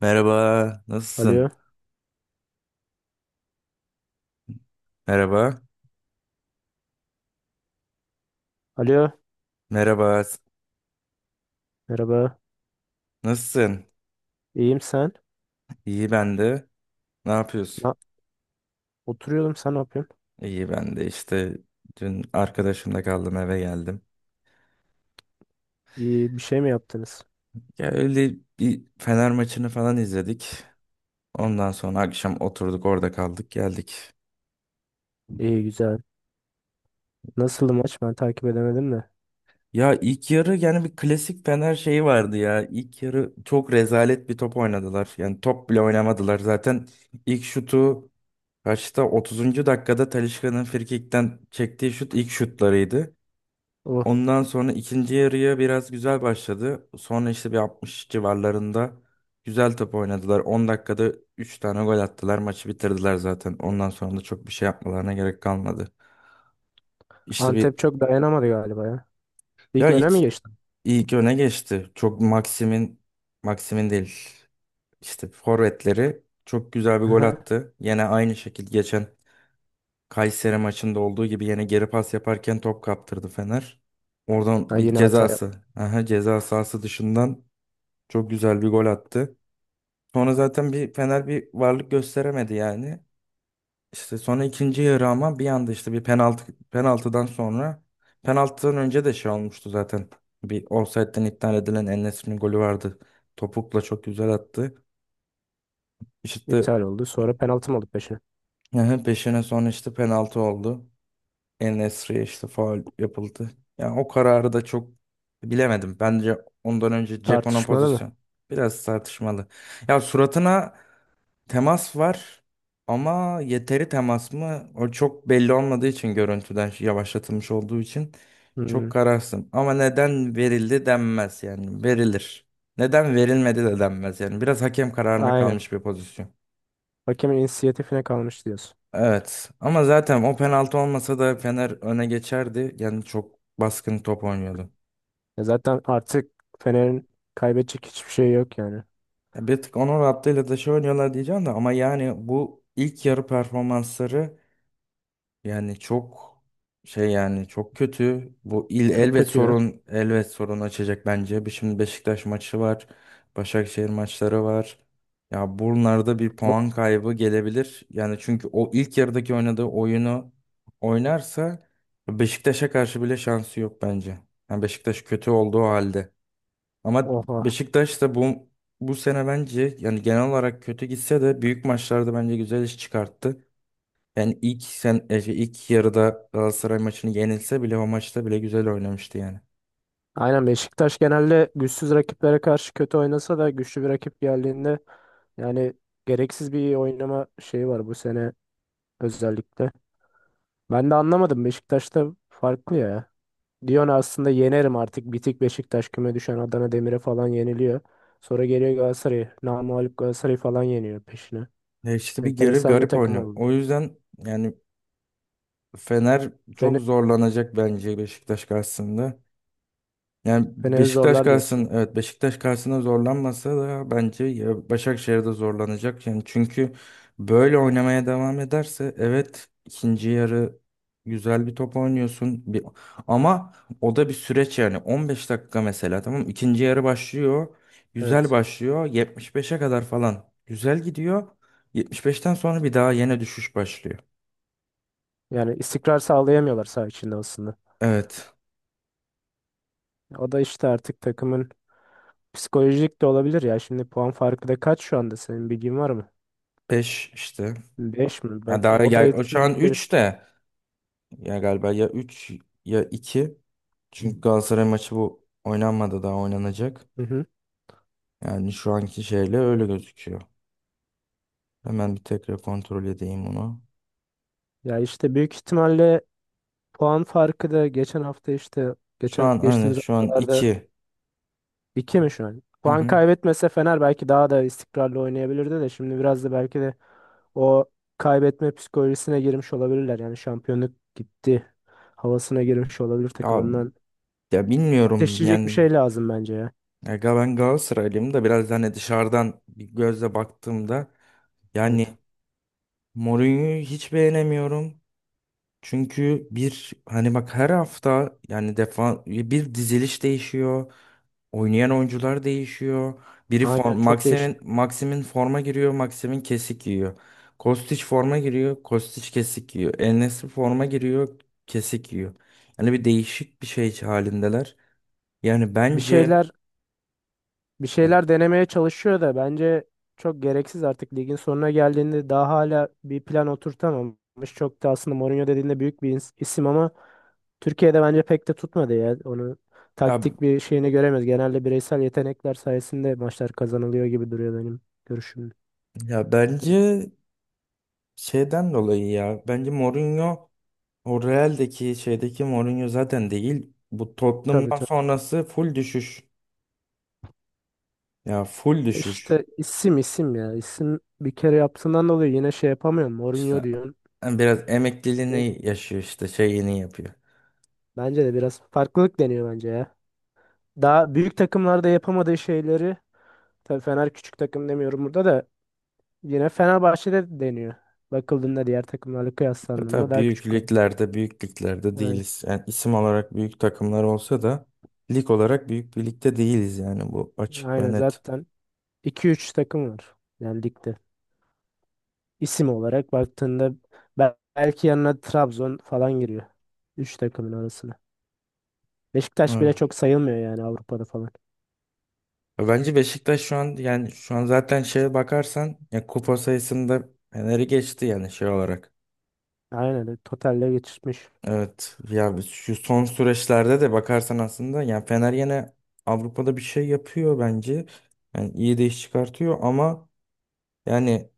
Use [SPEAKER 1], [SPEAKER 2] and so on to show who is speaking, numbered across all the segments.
[SPEAKER 1] Merhaba, nasılsın?
[SPEAKER 2] Alo.
[SPEAKER 1] Merhaba,
[SPEAKER 2] Alo.
[SPEAKER 1] merhaba,
[SPEAKER 2] Merhaba.
[SPEAKER 1] nasılsın?
[SPEAKER 2] İyiyim sen?
[SPEAKER 1] İyi ben de. Ne yapıyorsun?
[SPEAKER 2] Na- Oturuyordum sen ne yapıyorsun?
[SPEAKER 1] İyi ben de işte dün arkadaşımla kaldım, eve geldim.
[SPEAKER 2] İyi bir şey mi yaptınız?
[SPEAKER 1] Ya öyle bir Fener maçını falan izledik. Ondan sonra akşam oturduk, orada kaldık, geldik.
[SPEAKER 2] İyi güzel. Nasıldı maç? Ben takip edemedim de.
[SPEAKER 1] Ya ilk yarı yani bir klasik Fener şeyi vardı ya. İlk yarı çok rezalet bir top oynadılar. Yani top bile oynamadılar. Zaten ilk şutu kaçta, 30. dakikada Talisca'nın frikikten çektiği şut ilk şutlarıydı.
[SPEAKER 2] O
[SPEAKER 1] Ondan sonra ikinci yarıya biraz güzel başladı. Sonra işte bir 60 civarlarında güzel top oynadılar. 10 dakikada 3 tane gol attılar. Maçı bitirdiler zaten. Ondan sonra da çok bir şey yapmalarına gerek kalmadı. İşte bir
[SPEAKER 2] Antep çok dayanamadı galiba ya. İlk
[SPEAKER 1] Ya
[SPEAKER 2] öne
[SPEAKER 1] ilk
[SPEAKER 2] mi geçti?
[SPEAKER 1] ilk öne geçti. Çok Maxim'in, Maxim'in değil. İşte forvetleri çok güzel bir gol
[SPEAKER 2] Aha.
[SPEAKER 1] attı. Yine aynı şekilde geçen Kayseri maçında olduğu gibi yine geri pas yaparken top kaptırdı Fener. Oradan
[SPEAKER 2] Ha,
[SPEAKER 1] bir
[SPEAKER 2] yine hata yaptı.
[SPEAKER 1] cezası. Aha, ceza sahası dışından çok güzel bir gol attı. Sonra zaten bir Fener bir varlık gösteremedi yani. İşte sonra ikinci yarı, ama bir anda işte bir penaltı, penaltıdan sonra, penaltıdan önce de şey olmuştu zaten. Bir ofsaytten iptal edilen En-Nesyri'nin golü vardı. Topukla çok güzel attı. İşte
[SPEAKER 2] İptal oldu. Sonra penaltı mı aldı peşine?
[SPEAKER 1] yani peşine sonra işte penaltı oldu. En-Nesyri'ye işte faul yapıldı. Yani o kararı da çok bilemedim. Bence ondan önce Ceko'nun
[SPEAKER 2] Tartışmalı mı?
[SPEAKER 1] pozisyon biraz tartışmalı. Ya, suratına temas var ama yeteri temas mı? O çok belli olmadığı için, görüntüden yavaşlatılmış olduğu için çok
[SPEAKER 2] Hmm,
[SPEAKER 1] kararsın. Ama neden verildi denmez yani, verilir. Neden verilmedi de denmez yani, biraz hakem kararına
[SPEAKER 2] aynen.
[SPEAKER 1] kalmış bir pozisyon.
[SPEAKER 2] Hakemin inisiyatifine kalmış diyorsun.
[SPEAKER 1] Evet, ama zaten o penaltı olmasa da Fener öne geçerdi. Yani çok baskın top oynuyordu.
[SPEAKER 2] Ya zaten artık Fener'in kaybedecek hiçbir şey yok yani.
[SPEAKER 1] Ya bir tık onun rahatlığıyla da şey oynuyorlar diyeceğim de, ama yani bu ilk yarı performansları, yani çok şey, yani çok kötü. Bu il
[SPEAKER 2] Çok
[SPEAKER 1] elbet
[SPEAKER 2] kötüydü. Ha.
[SPEAKER 1] sorun elbet sorun açacak bence. Şimdi Beşiktaş maçı var. Başakşehir maçları var. Ya bunlarda bir
[SPEAKER 2] O-
[SPEAKER 1] puan kaybı gelebilir. Yani çünkü o ilk yarıdaki oynadığı oyunu oynarsa Beşiktaş'a karşı bile şansı yok bence. Yani Beşiktaş kötü olduğu halde. Ama
[SPEAKER 2] Oha.
[SPEAKER 1] Beşiktaş da bu sene bence yani genel olarak kötü gitse de büyük maçlarda bence güzel iş çıkarttı. Yani ilk sen e, şey, ilk yarıda Galatasaray maçını yenilse bile o maçta bile güzel oynamıştı yani.
[SPEAKER 2] Aynen Beşiktaş genelde güçsüz rakiplere karşı kötü oynasa da güçlü bir rakip geldiğinde yani gereksiz bir oynama şeyi var bu sene özellikle. Ben de anlamadım, Beşiktaş'ta farklı ya. Diyorsun aslında yenerim, artık bitik Beşiktaş küme düşen Adana Demir'e falan yeniliyor. Sonra geliyor Galatasaray'ı, namağlup Galatasaray'ı falan yeniyor peşine.
[SPEAKER 1] E işte bir garip
[SPEAKER 2] Enteresan bir
[SPEAKER 1] garip
[SPEAKER 2] takım
[SPEAKER 1] oynuyor.
[SPEAKER 2] oldu.
[SPEAKER 1] O yüzden yani Fener çok
[SPEAKER 2] Fener,
[SPEAKER 1] zorlanacak bence Beşiktaş karşısında. Yani
[SPEAKER 2] Fener'i
[SPEAKER 1] Beşiktaş
[SPEAKER 2] zorlar
[SPEAKER 1] karşısında,
[SPEAKER 2] diyorsun.
[SPEAKER 1] evet, Beşiktaş karşısında zorlanmasa da bence ya Başakşehir'de zorlanacak. Yani çünkü böyle oynamaya devam ederse, evet, ikinci yarı güzel bir top oynuyorsun bir, ama o da bir süreç yani. 15 dakika mesela, tamam mı? İkinci yarı başlıyor, güzel
[SPEAKER 2] Evet.
[SPEAKER 1] başlıyor, 75'e kadar falan güzel gidiyor. 75'ten sonra bir daha yine düşüş başlıyor.
[SPEAKER 2] Yani istikrar sağlayamıyorlar saha içinde aslında.
[SPEAKER 1] Evet,
[SPEAKER 2] O da işte artık takımın. Psikolojik de olabilir ya. Şimdi puan farkı da kaç şu anda? Senin bilgin var mı?
[SPEAKER 1] beş işte.
[SPEAKER 2] Beş mi?
[SPEAKER 1] Ya
[SPEAKER 2] Bak,
[SPEAKER 1] daha
[SPEAKER 2] o da
[SPEAKER 1] gel, o şu an
[SPEAKER 2] etkileyebilir
[SPEAKER 1] 3
[SPEAKER 2] işte.
[SPEAKER 1] de. Ya galiba ya üç, ya iki. Çünkü Galatasaray maçı bu oynanmadı, daha oynanacak.
[SPEAKER 2] Hı hı.
[SPEAKER 1] Yani şu anki şeyle öyle gözüküyor. Hemen bir tekrar kontrol edeyim onu.
[SPEAKER 2] Ya işte büyük ihtimalle puan farkı da geçen hafta işte geçen geçtiğimiz
[SPEAKER 1] Şu an
[SPEAKER 2] haftalarda
[SPEAKER 1] iki.
[SPEAKER 2] 2 mi şu an?
[SPEAKER 1] Hı
[SPEAKER 2] Puan
[SPEAKER 1] hı.
[SPEAKER 2] kaybetmese Fener belki daha da istikrarlı oynayabilirdi de, şimdi biraz da belki de o kaybetme psikolojisine girmiş olabilirler. Yani şampiyonluk gitti havasına girmiş olabilir
[SPEAKER 1] Ya,
[SPEAKER 2] takım. Ondan
[SPEAKER 1] ya, bilmiyorum
[SPEAKER 2] ateşleyecek bir
[SPEAKER 1] yani.
[SPEAKER 2] şey lazım bence ya.
[SPEAKER 1] Ya, ben Galatasaraylıyım da biraz, hani, dışarıdan bir gözle baktığımda
[SPEAKER 2] Evet.
[SPEAKER 1] yani Mourinho'yu hiç beğenemiyorum. Çünkü bir, hani, bak, her hafta yani defa bir diziliş değişiyor. Oynayan oyuncular değişiyor. Biri
[SPEAKER 2] Aynen
[SPEAKER 1] form
[SPEAKER 2] çok değişik.
[SPEAKER 1] Maxim'in forma giriyor, Maxim'in kesik yiyor. Kostić forma giriyor, Kostić kesik yiyor. En forma giriyor, kesik yiyor. Yani bir değişik bir şey halindeler. Yani
[SPEAKER 2] Bir şeyler bir
[SPEAKER 1] e,
[SPEAKER 2] şeyler denemeye çalışıyor da, bence çok gereksiz, artık ligin sonuna geldiğinde daha hala bir plan oturtamamış. Çok da aslında Mourinho dediğinde büyük bir isim ama Türkiye'de bence pek de tutmadı ya. Onu
[SPEAKER 1] ya,
[SPEAKER 2] taktik bir şeyini göremez. Genelde bireysel yetenekler sayesinde maçlar kazanılıyor gibi duruyor benim görüşüm. Evet.
[SPEAKER 1] bence şeyden dolayı ya. Bence Mourinho, o Real'deki şeydeki Mourinho zaten değil. Bu
[SPEAKER 2] Tabii
[SPEAKER 1] Tottenham'dan
[SPEAKER 2] tabii.
[SPEAKER 1] sonrası full düşüş. Ya full
[SPEAKER 2] E,
[SPEAKER 1] düşüş.
[SPEAKER 2] İşte isim isim ya. İsim bir kere yaptığından dolayı yine şey yapamıyorum. Mourinho
[SPEAKER 1] İşte
[SPEAKER 2] diyorsun.
[SPEAKER 1] yani biraz emekliliğini yaşıyor işte, şeyini yapıyor.
[SPEAKER 2] Bence de biraz farklılık deniyor bence ya. Daha büyük takımlarda yapamadığı şeyleri, tabii Fener küçük takım demiyorum burada da, yine Fenerbahçe'de deniyor. Bakıldığında diğer takımlarla
[SPEAKER 1] Ya
[SPEAKER 2] kıyaslandığında
[SPEAKER 1] tabii
[SPEAKER 2] daha
[SPEAKER 1] büyük
[SPEAKER 2] küçük kalıyor.
[SPEAKER 1] liglerde büyük liglerde
[SPEAKER 2] Aynen.
[SPEAKER 1] değiliz. Yani isim olarak büyük takımlar olsa da, lig olarak büyük bir ligde değiliz yani, bu açık ve
[SPEAKER 2] Aynen,
[SPEAKER 1] net.
[SPEAKER 2] zaten iki üç takım var yani ligde. İsim olarak baktığında belki yanına Trabzon falan giriyor. Üç takımın arasına. Beşiktaş bile
[SPEAKER 1] Evet.
[SPEAKER 2] çok sayılmıyor yani Avrupa'da falan.
[SPEAKER 1] Ya bence Beşiktaş şu an, yani şu an zaten şeye bakarsan ya kupa sayısında Fener'i geçti yani, şey olarak.
[SPEAKER 2] Aynen, totalle geçirmiş.
[SPEAKER 1] Evet, ya biz şu son süreçlerde de bakarsan aslında yani Fener yine Avrupa'da bir şey yapıyor bence. Yani iyi de iş çıkartıyor, ama yani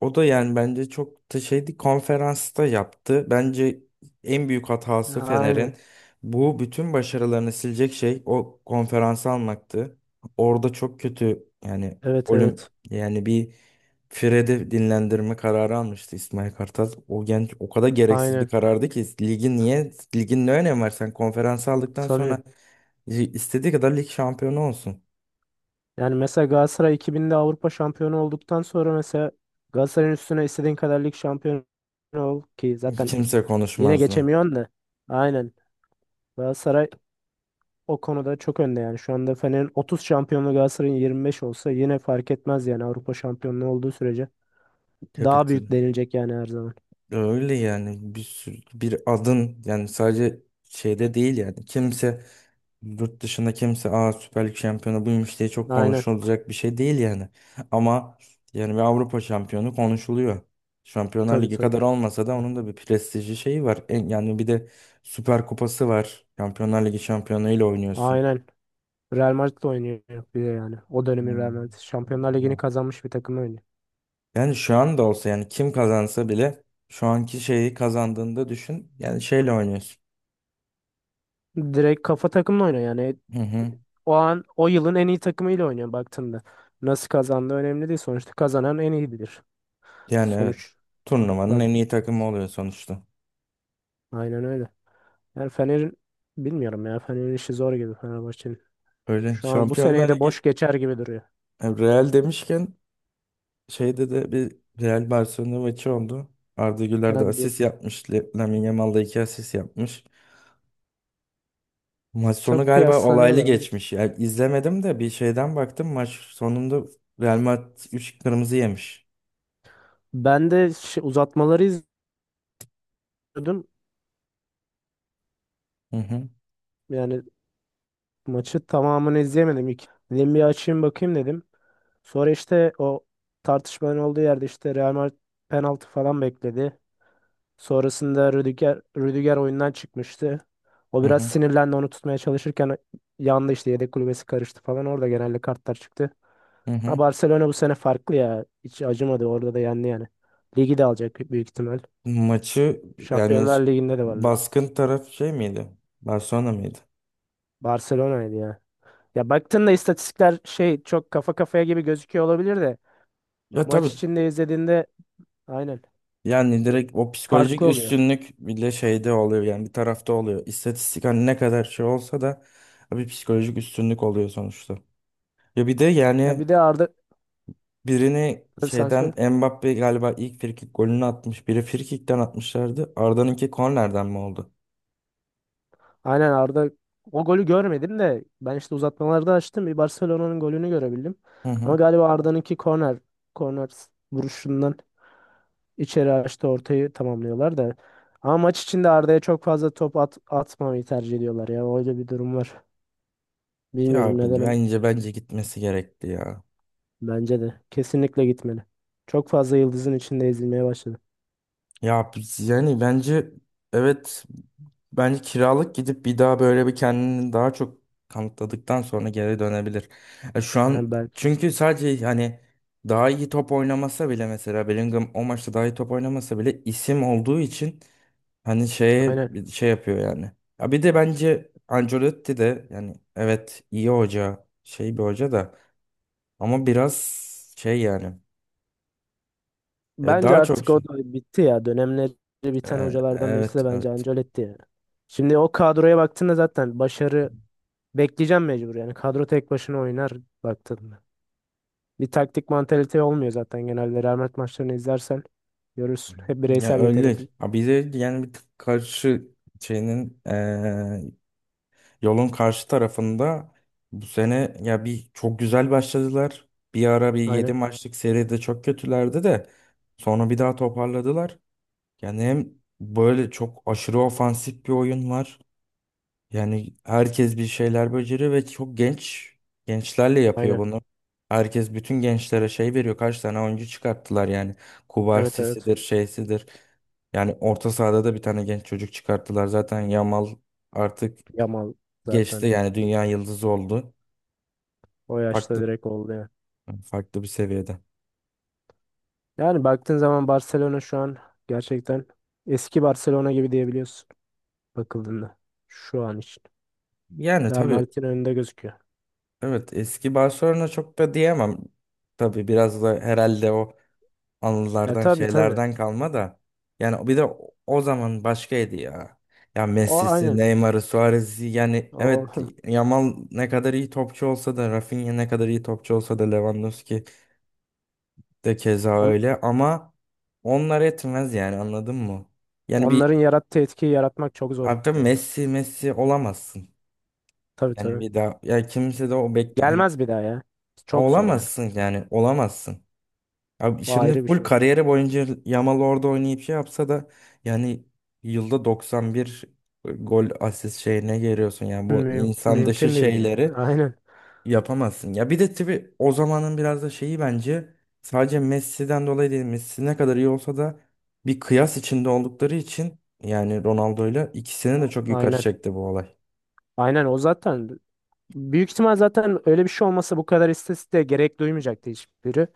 [SPEAKER 1] o da yani bence çok da şeydi, konferansta yaptı. Bence en büyük hatası
[SPEAKER 2] Aynen.
[SPEAKER 1] Fener'in, bu bütün başarılarını silecek şey, o konferansı almaktı. Orada çok kötü yani,
[SPEAKER 2] Evet
[SPEAKER 1] ölüm
[SPEAKER 2] evet.
[SPEAKER 1] yani. Bir Fred'i dinlendirme kararı almıştı İsmail Kartal. O genç o kadar gereksiz bir
[SPEAKER 2] Aynen.
[SPEAKER 1] karardı ki, ligin ne önemi var sen konferansı aldıktan
[SPEAKER 2] Tabii.
[SPEAKER 1] sonra, istediği kadar lig şampiyonu olsun.
[SPEAKER 2] Yani mesela Galatasaray 2000'de Avrupa şampiyonu olduktan sonra mesela, Galatasaray'ın üstüne istediğin kadar lig şampiyonu ol ki, zaten
[SPEAKER 1] Kimse
[SPEAKER 2] yine
[SPEAKER 1] konuşmazdı.
[SPEAKER 2] geçemiyorsun da. Aynen. Galatasaray o konuda çok önde yani. Şu anda Fener'in 30 şampiyonluğu, Galatasaray'ın 25 olsa, yine fark etmez yani Avrupa şampiyonluğu olduğu sürece. Daha büyük
[SPEAKER 1] Kapitan.
[SPEAKER 2] denilecek yani her zaman.
[SPEAKER 1] Öyle yani, bir sürü bir adın yani, sadece şeyde değil yani, kimse yurt dışında, kimse "Süper Lig şampiyonu buymuş" diye çok
[SPEAKER 2] Aynen.
[SPEAKER 1] konuşulacak bir şey değil yani. Ama yani bir Avrupa şampiyonu konuşuluyor. Şampiyonlar
[SPEAKER 2] Tabii
[SPEAKER 1] Ligi
[SPEAKER 2] tabii.
[SPEAKER 1] kadar olmasa da onun da bir prestijli şeyi var. Yani bir de Süper Kupası var. Şampiyonlar Ligi şampiyonuyla oynuyorsun.
[SPEAKER 2] Aynen. Real Madrid oynuyor bir de yani. O dönemin Real
[SPEAKER 1] Hmm.
[SPEAKER 2] Madrid. Şampiyonlar Ligi'ni
[SPEAKER 1] Ya.
[SPEAKER 2] kazanmış bir takımla oynuyor.
[SPEAKER 1] Yani şu anda olsa yani, kim kazansa bile şu anki şeyi kazandığında düşün yani, şeyle oynuyorsun.
[SPEAKER 2] Direkt kafa takımla oynuyor yani.
[SPEAKER 1] Hı hı.
[SPEAKER 2] O an o yılın en iyi takımıyla oynuyor baktığında. Nasıl kazandığı önemli değil. Sonuçta kazanan en iyi bilir.
[SPEAKER 1] Yani evet.
[SPEAKER 2] Sonuç,
[SPEAKER 1] Turnuvanın
[SPEAKER 2] bak
[SPEAKER 1] en iyi takımı oluyor sonuçta.
[SPEAKER 2] aynen öyle. Yani Fener'in, bilmiyorum ya, Fener'in işi zor gibi, Fenerbahçe'nin.
[SPEAKER 1] Öyle
[SPEAKER 2] Şu an bu
[SPEAKER 1] Şampiyonlar
[SPEAKER 2] seneyi de boş
[SPEAKER 1] Ligi
[SPEAKER 2] geçer gibi duruyor.
[SPEAKER 1] Yani Real demişken, şeyde de bir Real Barcelona maçı oldu. Arda Güler de
[SPEAKER 2] Hadi.
[SPEAKER 1] asist yapmış. Lamine Yamal da iki asist yapmış. Maç sonu
[SPEAKER 2] Çok
[SPEAKER 1] galiba olaylı
[SPEAKER 2] kıyaslanıyorlar ama.
[SPEAKER 1] geçmiş. Yani izlemedim de bir şeyden baktım. Maç sonunda Real Madrid 3 kırmızı yemiş.
[SPEAKER 2] Ben de uzatmaları izliyordum.
[SPEAKER 1] Hı hı,
[SPEAKER 2] Yani maçı tamamını izleyemedim ilk. Dedim bir açayım bakayım dedim. Sonra işte o tartışmanın olduğu yerde işte Real Madrid penaltı falan bekledi. Sonrasında Rüdiger oyundan çıkmıştı. O
[SPEAKER 1] hı
[SPEAKER 2] biraz
[SPEAKER 1] hı,
[SPEAKER 2] sinirlendi, onu tutmaya çalışırken yandı işte, yedek kulübesi karıştı falan. Orada genelde kartlar çıktı.
[SPEAKER 1] hı.
[SPEAKER 2] Ha,
[SPEAKER 1] Hı.
[SPEAKER 2] Barcelona bu sene farklı ya. Hiç acımadı, orada da yendi yani. Ligi de alacak büyük ihtimal.
[SPEAKER 1] Maçı Yani
[SPEAKER 2] Şampiyonlar Ligi'nde de varlar.
[SPEAKER 1] baskın taraf şey miydi? Barcelona mıydı?
[SPEAKER 2] Barcelona'ydı ya. Ya baktığında istatistikler şey, çok kafa kafaya gibi gözüküyor olabilir de,
[SPEAKER 1] Ya tabii.
[SPEAKER 2] maç içinde izlediğinde aynen
[SPEAKER 1] Yani direkt o psikolojik
[SPEAKER 2] farklı oluyor.
[SPEAKER 1] üstünlük bile şeyde oluyor yani, bir tarafta oluyor. İstatistik, hani, ne kadar şey olsa da bir psikolojik üstünlük oluyor sonuçta. Ya bir de
[SPEAKER 2] Ya
[SPEAKER 1] yani
[SPEAKER 2] bir de Arda.
[SPEAKER 1] birini
[SPEAKER 2] Tabii sen söyle.
[SPEAKER 1] şeyden, Mbappe galiba ilk frikik golünü atmış. Biri frikikten atmışlardı. Arda'nınki kornerden mi oldu?
[SPEAKER 2] Aynen Arda, o golü görmedim de ben işte uzatmalarda açtım. Bir Barcelona'nın golünü görebildim.
[SPEAKER 1] Hı
[SPEAKER 2] Ama
[SPEAKER 1] hı.
[SPEAKER 2] galiba Arda'nınki korner vuruşundan içeri açtı, ortayı tamamlıyorlar da. Ama maç içinde Arda'ya çok fazla top atmamayı tercih ediyorlar ya. Öyle bir durum var.
[SPEAKER 1] Ya
[SPEAKER 2] Bilmiyorum neden ama
[SPEAKER 1] bence gitmesi gerekti ya.
[SPEAKER 2] bence de kesinlikle gitmeli. Çok fazla yıldızın içinde ezilmeye başladı.
[SPEAKER 1] Ya, yani bence, evet. Bence kiralık gidip bir daha, böyle bir kendini daha çok kanıtladıktan sonra geri dönebilir. Şu an
[SPEAKER 2] Yani ben,
[SPEAKER 1] çünkü, sadece hani, daha iyi top oynamasa bile mesela, Bellingham o maçta daha iyi top oynamasa bile isim olduğu için, hani, şeye
[SPEAKER 2] aynen.
[SPEAKER 1] şey yapıyor yani. Ya bir de bence Ancelotti de yani, evet, iyi hoca, şey bir hoca da ama biraz şey yani,
[SPEAKER 2] Bence
[SPEAKER 1] daha çok
[SPEAKER 2] artık o da bitti ya. Dönemleri biten hocalardan birisi
[SPEAKER 1] evet,
[SPEAKER 2] de bence
[SPEAKER 1] evet.
[SPEAKER 2] Ancelotti yani. Şimdi o kadroya baktığında zaten başarı bekleyeceğim mecbur. Yani kadro tek başına oynar baktığında. Bir taktik mantalite olmuyor zaten genelde. Rahmet maçlarını izlersen görürsün. Hep
[SPEAKER 1] Ya
[SPEAKER 2] bireysel yetenek.
[SPEAKER 1] öyle. Ha, bir de yani bir tık karşı şeyinin yolun karşı tarafında bu sene ya bir çok güzel başladılar. Bir ara bir yedi
[SPEAKER 2] Aynen.
[SPEAKER 1] maçlık seride çok kötülerdi de sonra bir daha toparladılar. Yani hem böyle çok aşırı ofansif bir oyun var. Yani herkes bir şeyler beceriyor ve çok genç, gençlerle yapıyor
[SPEAKER 2] Aynen.
[SPEAKER 1] bunu. Herkes bütün gençlere şey veriyor. Kaç tane oyuncu çıkarttılar yani.
[SPEAKER 2] Evet evet.
[SPEAKER 1] Kubarsisidir, şeysidir. Yani orta sahada da bir tane genç çocuk çıkarttılar. Zaten Yamal artık
[SPEAKER 2] Yamal
[SPEAKER 1] geçti
[SPEAKER 2] zaten
[SPEAKER 1] yani, dünya yıldızı oldu.
[SPEAKER 2] o yaşta
[SPEAKER 1] Farklı,
[SPEAKER 2] direkt oldu yani.
[SPEAKER 1] farklı bir seviyede.
[SPEAKER 2] Yani baktığın zaman Barcelona şu an gerçekten eski Barcelona gibi diyebiliyorsun bakıldığında. Şu an için.
[SPEAKER 1] Yani
[SPEAKER 2] Real
[SPEAKER 1] tabii,
[SPEAKER 2] Madrid'in önünde gözüküyor.
[SPEAKER 1] evet, eski Barcelona çok da diyemem. Tabii biraz da herhalde o
[SPEAKER 2] E
[SPEAKER 1] anılardan,
[SPEAKER 2] tabii tabii.
[SPEAKER 1] şeylerden kalma da. Yani bir de o zaman başkaydı ya. Ya
[SPEAKER 2] O
[SPEAKER 1] Messi'si,
[SPEAKER 2] aynen.
[SPEAKER 1] Neymar'ı, Suarez'i yani,
[SPEAKER 2] O
[SPEAKER 1] evet, Yamal ne kadar iyi topçu olsa da, Rafinha ne kadar iyi topçu olsa da, Lewandowski de keza
[SPEAKER 2] on-
[SPEAKER 1] öyle, ama onlar etmez yani, anladın mı? Yani bir
[SPEAKER 2] onların yarattığı etkiyi yaratmak çok zor
[SPEAKER 1] artık
[SPEAKER 2] ya.
[SPEAKER 1] Messi olamazsın.
[SPEAKER 2] Tabii
[SPEAKER 1] Yani
[SPEAKER 2] tabii.
[SPEAKER 1] bir daha ya kimse de o, bekle, hani
[SPEAKER 2] Gelmez bir daha ya. Çok zor yani.
[SPEAKER 1] olamazsın yani, olamazsın. Abi
[SPEAKER 2] O
[SPEAKER 1] şimdi
[SPEAKER 2] ayrı bir
[SPEAKER 1] full
[SPEAKER 2] şey.
[SPEAKER 1] kariyeri boyunca Yamal orada oynayıp şey yapsa da yani, yılda 91 gol asist şeyine geliyorsun. Yani bu insan dışı
[SPEAKER 2] Mümkün değil ya.
[SPEAKER 1] şeyleri
[SPEAKER 2] Aynen.
[SPEAKER 1] yapamazsın. Ya bir de tabii o zamanın biraz da şeyi bence, sadece Messi'den dolayı değil. Messi ne kadar iyi olsa da bir kıyas içinde oldukları için yani Ronaldo'yla ikisini de çok yukarı
[SPEAKER 2] Aynen.
[SPEAKER 1] çekti bu olay.
[SPEAKER 2] Aynen o, zaten büyük ihtimal zaten öyle bir şey olmasa bu kadar istatistiğe gerek duymayacaktı hiçbiri.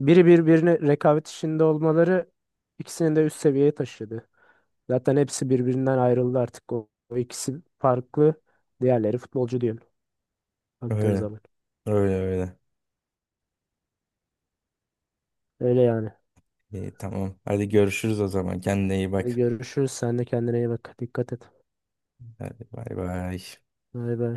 [SPEAKER 2] Biri birbirine rekabet içinde olmaları ikisini de üst seviyeye taşıdı. Zaten hepsi birbirinden ayrıldı artık. O ikisi farklı. Diğerleri futbolcu diyorum baktığın
[SPEAKER 1] Öyle,
[SPEAKER 2] zaman.
[SPEAKER 1] öyle, öyle.
[SPEAKER 2] Öyle yani.
[SPEAKER 1] İyi, tamam. Hadi görüşürüz o zaman. Kendine iyi
[SPEAKER 2] Hadi
[SPEAKER 1] bak.
[SPEAKER 2] görüşürüz. Sen de kendine iyi bak. Dikkat et.
[SPEAKER 1] Hadi, bay bay.
[SPEAKER 2] Bay bay.